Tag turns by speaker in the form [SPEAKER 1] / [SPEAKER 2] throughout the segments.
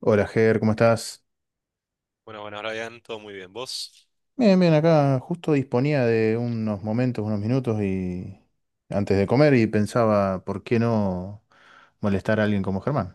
[SPEAKER 1] Hola, Ger, ¿cómo estás?
[SPEAKER 2] Bueno, bueno, Brian, todo muy bien. ¿Vos?
[SPEAKER 1] Bien, bien, acá justo disponía de unos momentos, unos minutos y antes de comer y pensaba, ¿por qué no molestar a alguien como Germán?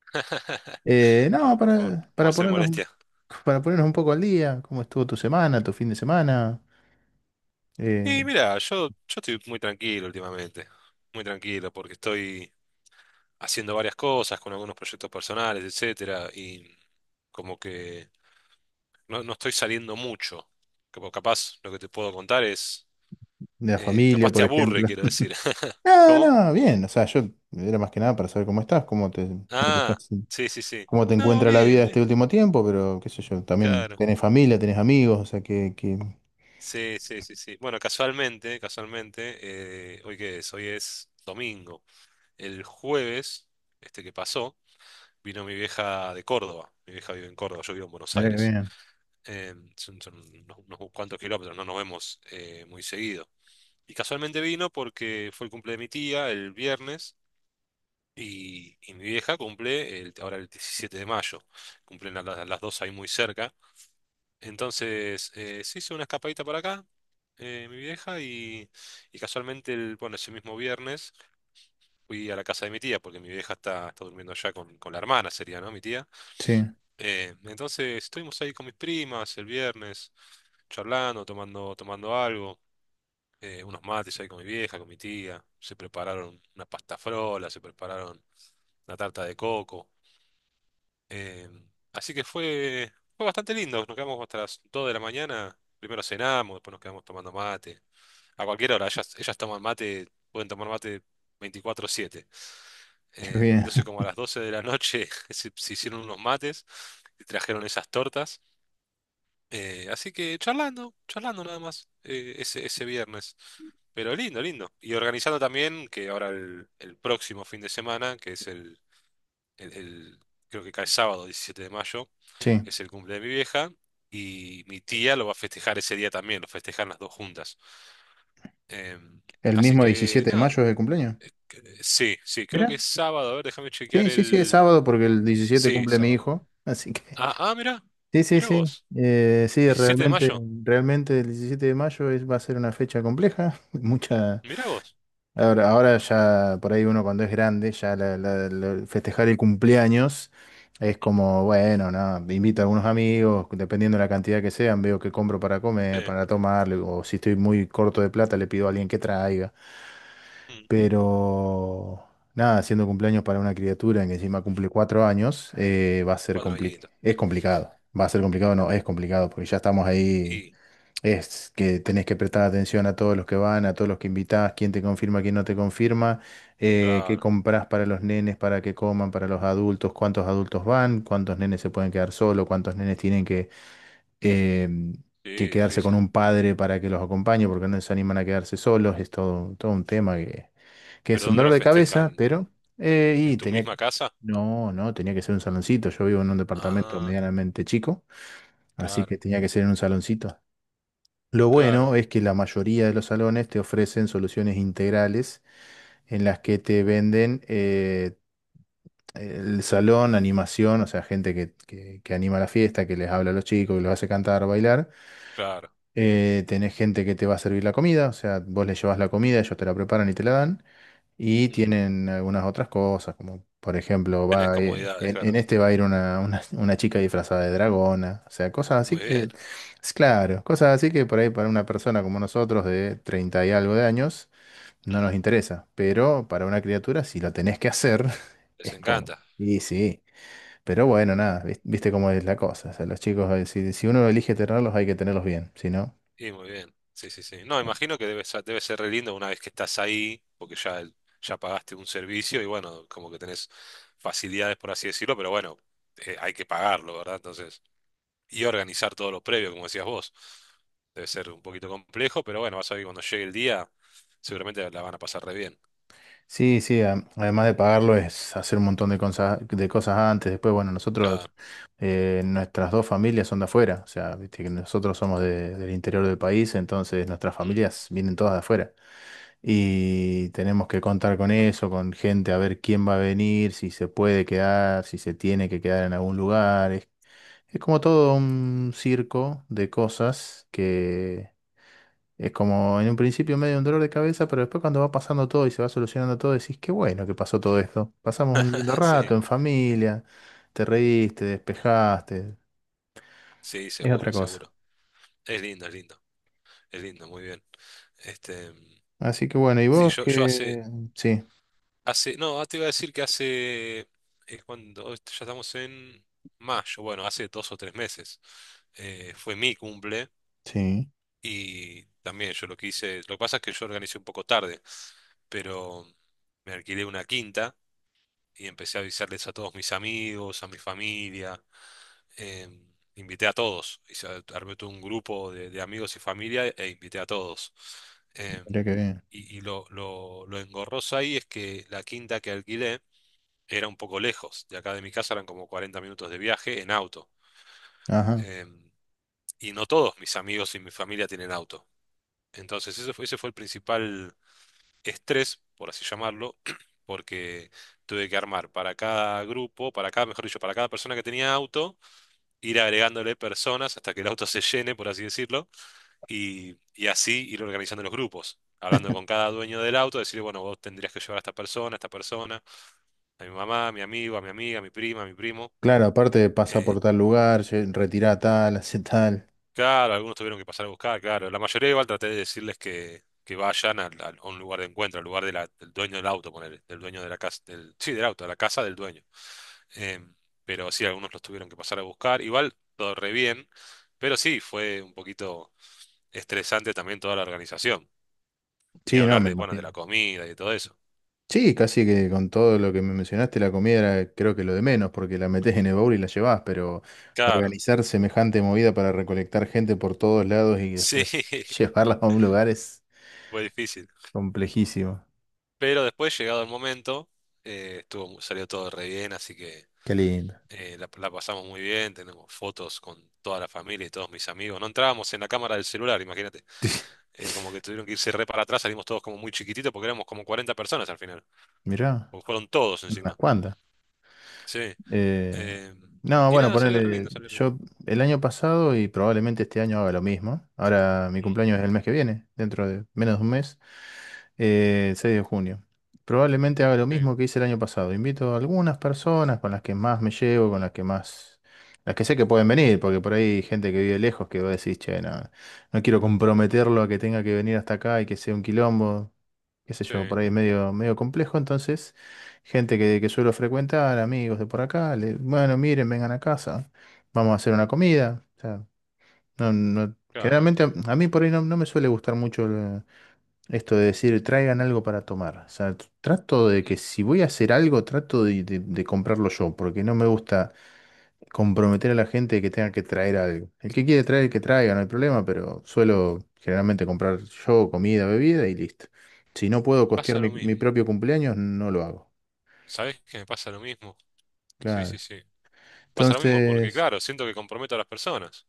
[SPEAKER 1] No,
[SPEAKER 2] No, por favor,
[SPEAKER 1] para,
[SPEAKER 2] no va a
[SPEAKER 1] para
[SPEAKER 2] ser
[SPEAKER 1] ponernos,
[SPEAKER 2] molestia.
[SPEAKER 1] para ponernos un poco al día, ¿cómo estuvo tu semana, tu fin de semana? Eh,
[SPEAKER 2] Y mira, yo estoy muy tranquilo últimamente. Muy tranquilo, porque estoy haciendo varias cosas con algunos proyectos personales, etcétera, y como que no estoy saliendo mucho. Como capaz lo que te puedo contar es.
[SPEAKER 1] de la familia,
[SPEAKER 2] Capaz te
[SPEAKER 1] por
[SPEAKER 2] aburre,
[SPEAKER 1] ejemplo.
[SPEAKER 2] quiero decir.
[SPEAKER 1] No,
[SPEAKER 2] ¿Cómo?
[SPEAKER 1] no, bien, o sea, yo era más que nada para saber cómo estás, cómo te
[SPEAKER 2] Ah,
[SPEAKER 1] estás,
[SPEAKER 2] sí, sí, sí.
[SPEAKER 1] cómo te
[SPEAKER 2] No,
[SPEAKER 1] encuentra la
[SPEAKER 2] bien,
[SPEAKER 1] vida este
[SPEAKER 2] bien.
[SPEAKER 1] último tiempo, pero qué sé yo, también
[SPEAKER 2] Claro.
[SPEAKER 1] tenés familia, tenés amigos, o sea, que...
[SPEAKER 2] Sí, sí, sí, sí. Bueno, casualmente, casualmente, ¿hoy qué es? Hoy es domingo. El jueves, este que pasó, vino mi vieja de Córdoba. Mi vieja vive en Córdoba, yo vivo en Buenos
[SPEAKER 1] Mirá que
[SPEAKER 2] Aires.
[SPEAKER 1] bien.
[SPEAKER 2] Son unos cuantos kilómetros, no nos vemos muy seguido. Y casualmente vino porque fue el cumple de mi tía el viernes y mi vieja cumple ahora el 17 de mayo. Cumplen a las dos ahí muy cerca. Entonces se hizo una escapadita para acá, mi vieja, y, y casualmente, ese mismo viernes fui a la casa de mi tía, porque mi vieja está durmiendo allá con la hermana, sería, ¿no? Mi tía.
[SPEAKER 1] Sí,
[SPEAKER 2] Entonces estuvimos ahí con mis primas el viernes, charlando, tomando algo, unos mates ahí con mi vieja, con mi tía. Se prepararon una pasta frola, se prepararon una tarta de coco. eh, Así que fue bastante lindo. Nos quedamos hasta las 2 de la mañana. Primero cenamos, después nos quedamos tomando mate. A cualquier hora, ellas toman mate, pueden tomar mate 24/7.
[SPEAKER 1] qué
[SPEAKER 2] Eh,
[SPEAKER 1] bien.
[SPEAKER 2] entonces como a las 12 de la noche, se hicieron unos mates y trajeron esas tortas. Así que charlando, charlando nada más ese viernes. Pero lindo, lindo. Y organizando también que ahora el próximo fin de semana, que es el- el- creo que cae sábado 17 de mayo,
[SPEAKER 1] Sí.
[SPEAKER 2] es el cumple de mi vieja. Y mi tía lo va a festejar ese día también, lo festejan las dos juntas. Em,
[SPEAKER 1] ¿El
[SPEAKER 2] Así
[SPEAKER 1] mismo
[SPEAKER 2] que
[SPEAKER 1] diecisiete de
[SPEAKER 2] nada,
[SPEAKER 1] mayo es el cumpleaños?
[SPEAKER 2] sí, sí, creo
[SPEAKER 1] Mira.
[SPEAKER 2] que es sábado. A ver, déjame chequear
[SPEAKER 1] Sí, sí, sí, es
[SPEAKER 2] el...
[SPEAKER 1] sábado porque el 17
[SPEAKER 2] Sí,
[SPEAKER 1] cumple mi
[SPEAKER 2] sábado.
[SPEAKER 1] hijo. Así que.
[SPEAKER 2] Ah, ah, mirá,
[SPEAKER 1] Sí, sí,
[SPEAKER 2] mirá
[SPEAKER 1] sí.
[SPEAKER 2] vos.
[SPEAKER 1] Sí,
[SPEAKER 2] diecisiete de
[SPEAKER 1] realmente,
[SPEAKER 2] mayo,
[SPEAKER 1] realmente el 17 de mayo es, va a ser una fecha compleja. Mucha.
[SPEAKER 2] mirá vos.
[SPEAKER 1] Ahora, ahora ya por ahí uno cuando es grande, ya festejar el cumpleaños es como, bueno, no, invito a algunos amigos, dependiendo de la cantidad que sean, veo que compro para
[SPEAKER 2] Sí,
[SPEAKER 1] comer, para tomar, o si estoy muy corto de plata, le pido a alguien que traiga.
[SPEAKER 2] mm,
[SPEAKER 1] Pero nada, haciendo cumpleaños para una criatura que encima cumple 4 años, va a ser
[SPEAKER 2] cuatro
[SPEAKER 1] compli-
[SPEAKER 2] añitos.
[SPEAKER 1] es complicado. Va a ser complicado, no, es complicado, porque ya estamos ahí.
[SPEAKER 2] Y,
[SPEAKER 1] Es que tenés que prestar atención a todos los que van, a todos los que invitás, quién te confirma, quién no te confirma, qué
[SPEAKER 2] claro,
[SPEAKER 1] comprás para los nenes, para que coman, para los adultos, cuántos adultos van, cuántos nenes se pueden quedar solos, cuántos nenes tienen que, em,
[SPEAKER 2] sí,
[SPEAKER 1] que quedarse con
[SPEAKER 2] difícil.
[SPEAKER 1] un padre para que los acompañe, porque no se animan a quedarse solos. Es todo, todo un tema que es
[SPEAKER 2] ¿Pero
[SPEAKER 1] un
[SPEAKER 2] dónde
[SPEAKER 1] dolor
[SPEAKER 2] lo
[SPEAKER 1] de cabeza,
[SPEAKER 2] festejan?
[SPEAKER 1] pero...
[SPEAKER 2] ¿En,
[SPEAKER 1] y
[SPEAKER 2] en tu
[SPEAKER 1] tenía...
[SPEAKER 2] misma casa?
[SPEAKER 1] No, no, tenía que ser un saloncito. Yo vivo en un departamento
[SPEAKER 2] Ah,
[SPEAKER 1] medianamente chico, así
[SPEAKER 2] claro,
[SPEAKER 1] que tenía que ser en un saloncito. Lo bueno
[SPEAKER 2] claro,
[SPEAKER 1] es que la mayoría de los salones te ofrecen soluciones integrales en las que te venden el salón, animación, o sea, gente que, que anima la fiesta, que les habla a los chicos, que los hace cantar, bailar.
[SPEAKER 2] claro.
[SPEAKER 1] Tenés gente que te va a servir la comida, o sea, vos le llevas la comida, ellos te la preparan y te la dan. Y
[SPEAKER 2] Mm,
[SPEAKER 1] tienen algunas otras cosas, como por ejemplo,
[SPEAKER 2] Tenés
[SPEAKER 1] va a ir-
[SPEAKER 2] comodidades,
[SPEAKER 1] en
[SPEAKER 2] claro.
[SPEAKER 1] este va a ir una chica disfrazada de dragona, o sea, cosas así
[SPEAKER 2] Muy bien.
[SPEAKER 1] que, es claro, cosas así que por ahí para una persona como nosotros de 30 y algo de años no
[SPEAKER 2] mm,
[SPEAKER 1] nos interesa, pero para una criatura, si lo tenés que hacer,
[SPEAKER 2] Les
[SPEAKER 1] es como,
[SPEAKER 2] encanta.
[SPEAKER 1] y sí, pero bueno, nada, viste cómo es la cosa, o sea, los chicos, si uno elige tenerlos, hay que tenerlos bien, si no...
[SPEAKER 2] Y muy bien. Sí, sí, sí. No, imagino que debe ser re lindo una vez que estás ahí, porque ya, ya pagaste un servicio y bueno, como que tenés facilidades, por así decirlo, pero bueno, hay que pagarlo, ¿verdad? Entonces. Y organizar todo lo previo, como decías vos. Debe ser un poquito complejo, pero bueno, vas a ver que cuando llegue el día, seguramente la van a pasar re bien.
[SPEAKER 1] Sí, sí, además de pagarlo es hacer un montón de cosas antes. Después, bueno,
[SPEAKER 2] Claro.
[SPEAKER 1] nosotros, nuestras dos familias son de afuera, o sea, viste que nosotros somos del interior del país, entonces nuestras
[SPEAKER 2] Mm,
[SPEAKER 1] familias vienen todas de afuera.
[SPEAKER 2] mm.
[SPEAKER 1] Y tenemos que contar con eso, con gente, a ver quién va a venir, si se puede quedar, si se tiene que quedar en algún lugar. Es como todo un circo de cosas que es como en un principio medio un dolor de cabeza, pero después cuando va pasando todo y se va solucionando todo, decís, qué bueno que pasó todo esto. Pasamos un lindo rato
[SPEAKER 2] Sí,
[SPEAKER 1] en familia, te reíste, despejaste,
[SPEAKER 2] sí,
[SPEAKER 1] es otra
[SPEAKER 2] seguro,
[SPEAKER 1] cosa.
[SPEAKER 2] seguro. Es lindo, es lindo, es lindo, muy bien. Este,
[SPEAKER 1] Así que bueno, ¿y
[SPEAKER 2] sí,
[SPEAKER 1] vos
[SPEAKER 2] yo hace,
[SPEAKER 1] qué? Sí,
[SPEAKER 2] no, ah, te iba a decir que hace, es cuando, hoy ya estamos en mayo, bueno, hace 2 o 3 meses, fue mi cumple.
[SPEAKER 1] sí,
[SPEAKER 2] Y también yo lo que hice, lo que pasa es que yo organicé un poco tarde, pero me alquilé una quinta y empecé a avisarles a todos mis amigos, a mi familia, invité a todos, armé todo un grupo de amigos y familia e invité a todos. Em,
[SPEAKER 1] mirá qué bien.
[SPEAKER 2] y lo engorroso ahí es que la quinta que alquilé era un poco lejos, de acá de mi casa eran como 40 minutos de viaje en auto.
[SPEAKER 1] Ajá.
[SPEAKER 2] Em, y no todos mis amigos y mi familia tienen auto. Entonces, ese fue el principal estrés, por así llamarlo, porque tuve que armar para cada grupo, para cada, mejor dicho, para cada persona que tenía auto, ir agregándole personas hasta que el auto se llene, por así decirlo, y así ir organizando los grupos. Hablando con cada dueño del auto, decirle, bueno, vos tendrías que llevar a esta persona, a esta persona, a mi mamá, a mi amigo, a mi amiga, a mi prima, a mi primo.
[SPEAKER 1] Claro, aparte pasa por
[SPEAKER 2] eh,
[SPEAKER 1] tal lugar, retirá tal, hace tal.
[SPEAKER 2] Claro, algunos tuvieron que pasar a buscar, claro. La mayoría igual traté de decirles que vayan a un lugar de encuentro, al lugar de del dueño del auto, ponele, del dueño de la casa, del, sí, del auto, a la casa del dueño. Em, pero sí, algunos los tuvieron que pasar a buscar. Igual todo re bien, pero sí, fue un poquito estresante también toda la organización. Ni
[SPEAKER 1] Sí, no,
[SPEAKER 2] hablar
[SPEAKER 1] me
[SPEAKER 2] de, bueno, de
[SPEAKER 1] imagino.
[SPEAKER 2] la comida y de todo eso.
[SPEAKER 1] Sí, casi que con todo lo que me mencionaste, la comida era creo que lo de menos, porque la metés en el baúl y la llevás, pero
[SPEAKER 2] Claro,
[SPEAKER 1] organizar semejante movida para recolectar gente por todos lados y
[SPEAKER 2] sí,
[SPEAKER 1] después llevarla a un lugar es
[SPEAKER 2] fue difícil.
[SPEAKER 1] complejísimo.
[SPEAKER 2] Pero después, llegado el momento, salió todo re bien, así que...
[SPEAKER 1] Qué lindo.
[SPEAKER 2] La pasamos muy bien, tenemos fotos con toda la familia y todos mis amigos. No entrábamos en la cámara del celular, imagínate. Como que tuvieron que irse re para atrás, salimos todos como muy chiquititos porque éramos como 40 personas al final.
[SPEAKER 1] Mirá,
[SPEAKER 2] Porque fueron todos
[SPEAKER 1] unas
[SPEAKER 2] encima.
[SPEAKER 1] cuantas.
[SPEAKER 2] Sí.
[SPEAKER 1] Eh,
[SPEAKER 2] eh,
[SPEAKER 1] no,
[SPEAKER 2] y
[SPEAKER 1] bueno,
[SPEAKER 2] nada, salió re
[SPEAKER 1] ponerle,
[SPEAKER 2] lindo, salió re lindo.
[SPEAKER 1] yo el año pasado y probablemente este año haga lo mismo. Ahora mi
[SPEAKER 2] Mm,
[SPEAKER 1] cumpleaños es el mes que viene, dentro de menos de un mes, el 6 de junio. Probablemente haga lo
[SPEAKER 2] sí,
[SPEAKER 1] mismo que hice el año pasado. Invito a algunas personas con las que más me llevo, con las que más, las que sé que pueden venir, porque por ahí hay gente que vive lejos que va a decir, che, no, no quiero comprometerlo a que tenga que venir hasta acá y que sea un quilombo, qué sé
[SPEAKER 2] sí,
[SPEAKER 1] yo, por ahí es medio, medio complejo, entonces... Gente que suelo frecuentar, amigos de por acá, bueno, miren, vengan a casa, vamos a hacer una comida. O sea, no,
[SPEAKER 2] claro.
[SPEAKER 1] generalmente a mí por ahí no, no me suele gustar mucho esto de decir traigan algo para tomar. O sea, trato de que
[SPEAKER 2] Mm,
[SPEAKER 1] si voy a hacer algo, trato de comprarlo yo, porque no me gusta comprometer a la gente que tenga que traer algo. El que quiere traer, que traiga, no hay problema, pero suelo generalmente comprar yo comida, bebida y listo. Si no puedo costear
[SPEAKER 2] Pasa
[SPEAKER 1] mi,
[SPEAKER 2] lo
[SPEAKER 1] mi
[SPEAKER 2] mismo.
[SPEAKER 1] propio cumpleaños, no lo hago.
[SPEAKER 2] ¿Sabés que me pasa lo mismo? Sí, sí,
[SPEAKER 1] Claro.
[SPEAKER 2] sí. Pasa lo mismo porque,
[SPEAKER 1] Entonces,
[SPEAKER 2] claro, siento que comprometo a las personas.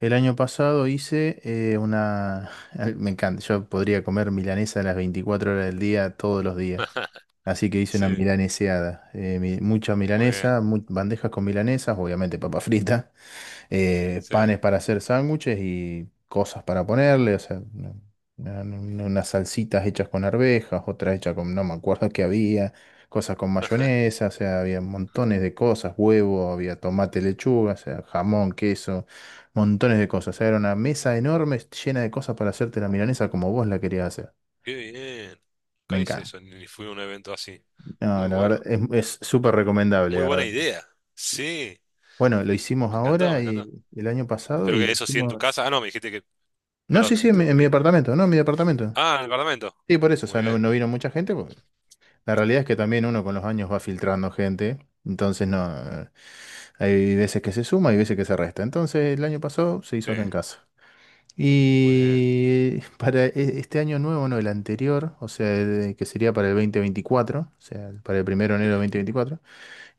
[SPEAKER 1] el año pasado hice una... Me encanta, yo podría comer milanesa a las 24 horas del día, todos los días. Así que hice una
[SPEAKER 2] Sí,
[SPEAKER 1] milaneseada. Mucha
[SPEAKER 2] muy
[SPEAKER 1] milanesa,
[SPEAKER 2] bien.
[SPEAKER 1] bandejas con milanesas, obviamente papa frita
[SPEAKER 2] Sí.
[SPEAKER 1] panes para hacer sándwiches y cosas para ponerle, o sea, unas salsitas hechas con arvejas, otras hechas con, no me acuerdo qué había, cosas con mayonesa, o sea, había montones de cosas, huevo, había tomate, lechuga, o sea, jamón, queso, montones de cosas, o sea, era una mesa enorme llena de cosas para hacerte la milanesa como vos la querías hacer.
[SPEAKER 2] Qué bien.
[SPEAKER 1] Me
[SPEAKER 2] Nunca hice
[SPEAKER 1] encanta.
[SPEAKER 2] eso, ni fui a un evento así.
[SPEAKER 1] No,
[SPEAKER 2] Muy
[SPEAKER 1] la verdad
[SPEAKER 2] bueno.
[SPEAKER 1] es súper recomendable.
[SPEAKER 2] Muy buena
[SPEAKER 1] Ah,
[SPEAKER 2] idea. Sí,
[SPEAKER 1] bueno, lo hicimos
[SPEAKER 2] me encantó, me
[SPEAKER 1] ahora y
[SPEAKER 2] encantó.
[SPEAKER 1] el año pasado
[SPEAKER 2] Pero
[SPEAKER 1] y
[SPEAKER 2] que
[SPEAKER 1] lo
[SPEAKER 2] eso sí en tu casa.
[SPEAKER 1] hicimos.
[SPEAKER 2] Ah, no, me dijiste que.
[SPEAKER 1] No,
[SPEAKER 2] Perdón
[SPEAKER 1] sí,
[SPEAKER 2] que te
[SPEAKER 1] sí, en mi
[SPEAKER 2] interrumpí.
[SPEAKER 1] departamento, no, en mi departamento.
[SPEAKER 2] Ah, en el Parlamento.
[SPEAKER 1] Sí, por eso, o
[SPEAKER 2] Muy
[SPEAKER 1] sea, no,
[SPEAKER 2] bien.
[SPEAKER 1] no vino mucha gente, porque la realidad es que también uno con los años va filtrando gente, entonces no, hay veces que se suma y veces que se resta. Entonces el año pasado se hizo
[SPEAKER 2] Sí,
[SPEAKER 1] acá en casa.
[SPEAKER 2] muy bien.
[SPEAKER 1] Y para este año nuevo, no, el anterior, o sea, el que sería para el 2024, o sea, para el primero de
[SPEAKER 2] Sí,
[SPEAKER 1] enero de 2024,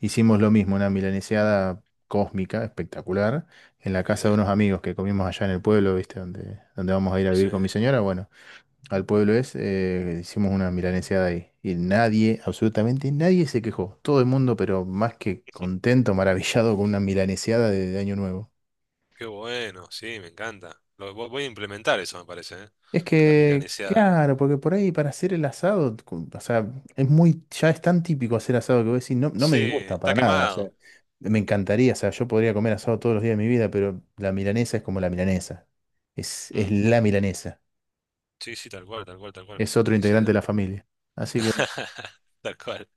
[SPEAKER 1] hicimos lo mismo, una milaneseada cósmica, espectacular, en la
[SPEAKER 2] muy
[SPEAKER 1] casa de
[SPEAKER 2] bien.
[SPEAKER 1] unos amigos que comimos allá en el pueblo, ¿viste? Donde vamos a ir a
[SPEAKER 2] Sí,
[SPEAKER 1] vivir con mi señora, bueno al pueblo es, hicimos una milaneseada ahí. Y nadie, absolutamente nadie se quejó. Todo el mundo, pero más que contento, maravillado con una milaneseada de Año Nuevo.
[SPEAKER 2] qué bueno. Sí, me encanta. Voy a implementar eso, me parece, ¿eh?
[SPEAKER 1] Es
[SPEAKER 2] La
[SPEAKER 1] que,
[SPEAKER 2] milaneseada.
[SPEAKER 1] claro, porque por ahí para hacer el asado, o sea, ya es tan típico hacer asado que vos decís, no, no
[SPEAKER 2] Sí,
[SPEAKER 1] me disgusta
[SPEAKER 2] está
[SPEAKER 1] para nada. O sea,
[SPEAKER 2] quemado.
[SPEAKER 1] me encantaría, o sea, yo podría comer asado todos los días de mi vida, pero la milanesa es como la milanesa. Es
[SPEAKER 2] Mm,
[SPEAKER 1] la milanesa.
[SPEAKER 2] sí, sí, tal cual, tal cual, tal cual.
[SPEAKER 1] Es otro integrante
[SPEAKER 2] Coincido.
[SPEAKER 1] de la familia. Así que bueno.
[SPEAKER 2] Tal cual.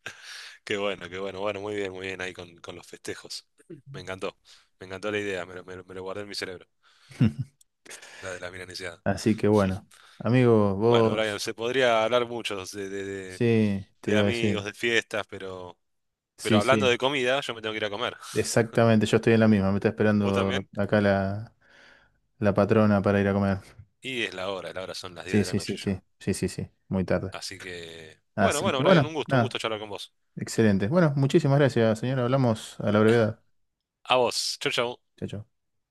[SPEAKER 2] Qué bueno, qué bueno. Bueno, muy bien ahí con los festejos. Me encantó, me encantó la idea, me lo guardé en mi cerebro, la de la milanesiada.
[SPEAKER 1] Así que bueno, amigo,
[SPEAKER 2] Bueno, Brian,
[SPEAKER 1] vos,
[SPEAKER 2] se podría hablar mucho de, de- de-
[SPEAKER 1] sí, te
[SPEAKER 2] de
[SPEAKER 1] iba a
[SPEAKER 2] amigos,
[SPEAKER 1] decir,
[SPEAKER 2] de fiestas, pero,
[SPEAKER 1] sí,
[SPEAKER 2] hablando
[SPEAKER 1] sí,
[SPEAKER 2] de comida, yo me tengo que ir a comer.
[SPEAKER 1] exactamente, yo estoy en la misma, me está
[SPEAKER 2] ¿Vos
[SPEAKER 1] esperando
[SPEAKER 2] también?
[SPEAKER 1] acá la patrona para ir a comer.
[SPEAKER 2] Y es la hora, son las 10
[SPEAKER 1] Sí,
[SPEAKER 2] de la
[SPEAKER 1] sí,
[SPEAKER 2] noche
[SPEAKER 1] sí,
[SPEAKER 2] ya.
[SPEAKER 1] sí, sí, sí, sí, muy tarde.
[SPEAKER 2] Así que, bueno,
[SPEAKER 1] Así
[SPEAKER 2] bueno,
[SPEAKER 1] que
[SPEAKER 2] Brian,
[SPEAKER 1] bueno,
[SPEAKER 2] un
[SPEAKER 1] nada,
[SPEAKER 2] gusto charlar con vos.
[SPEAKER 1] excelente. Bueno, muchísimas gracias, señora, hablamos a la brevedad.
[SPEAKER 2] A vos, chau, chau.
[SPEAKER 1] Chao, chao.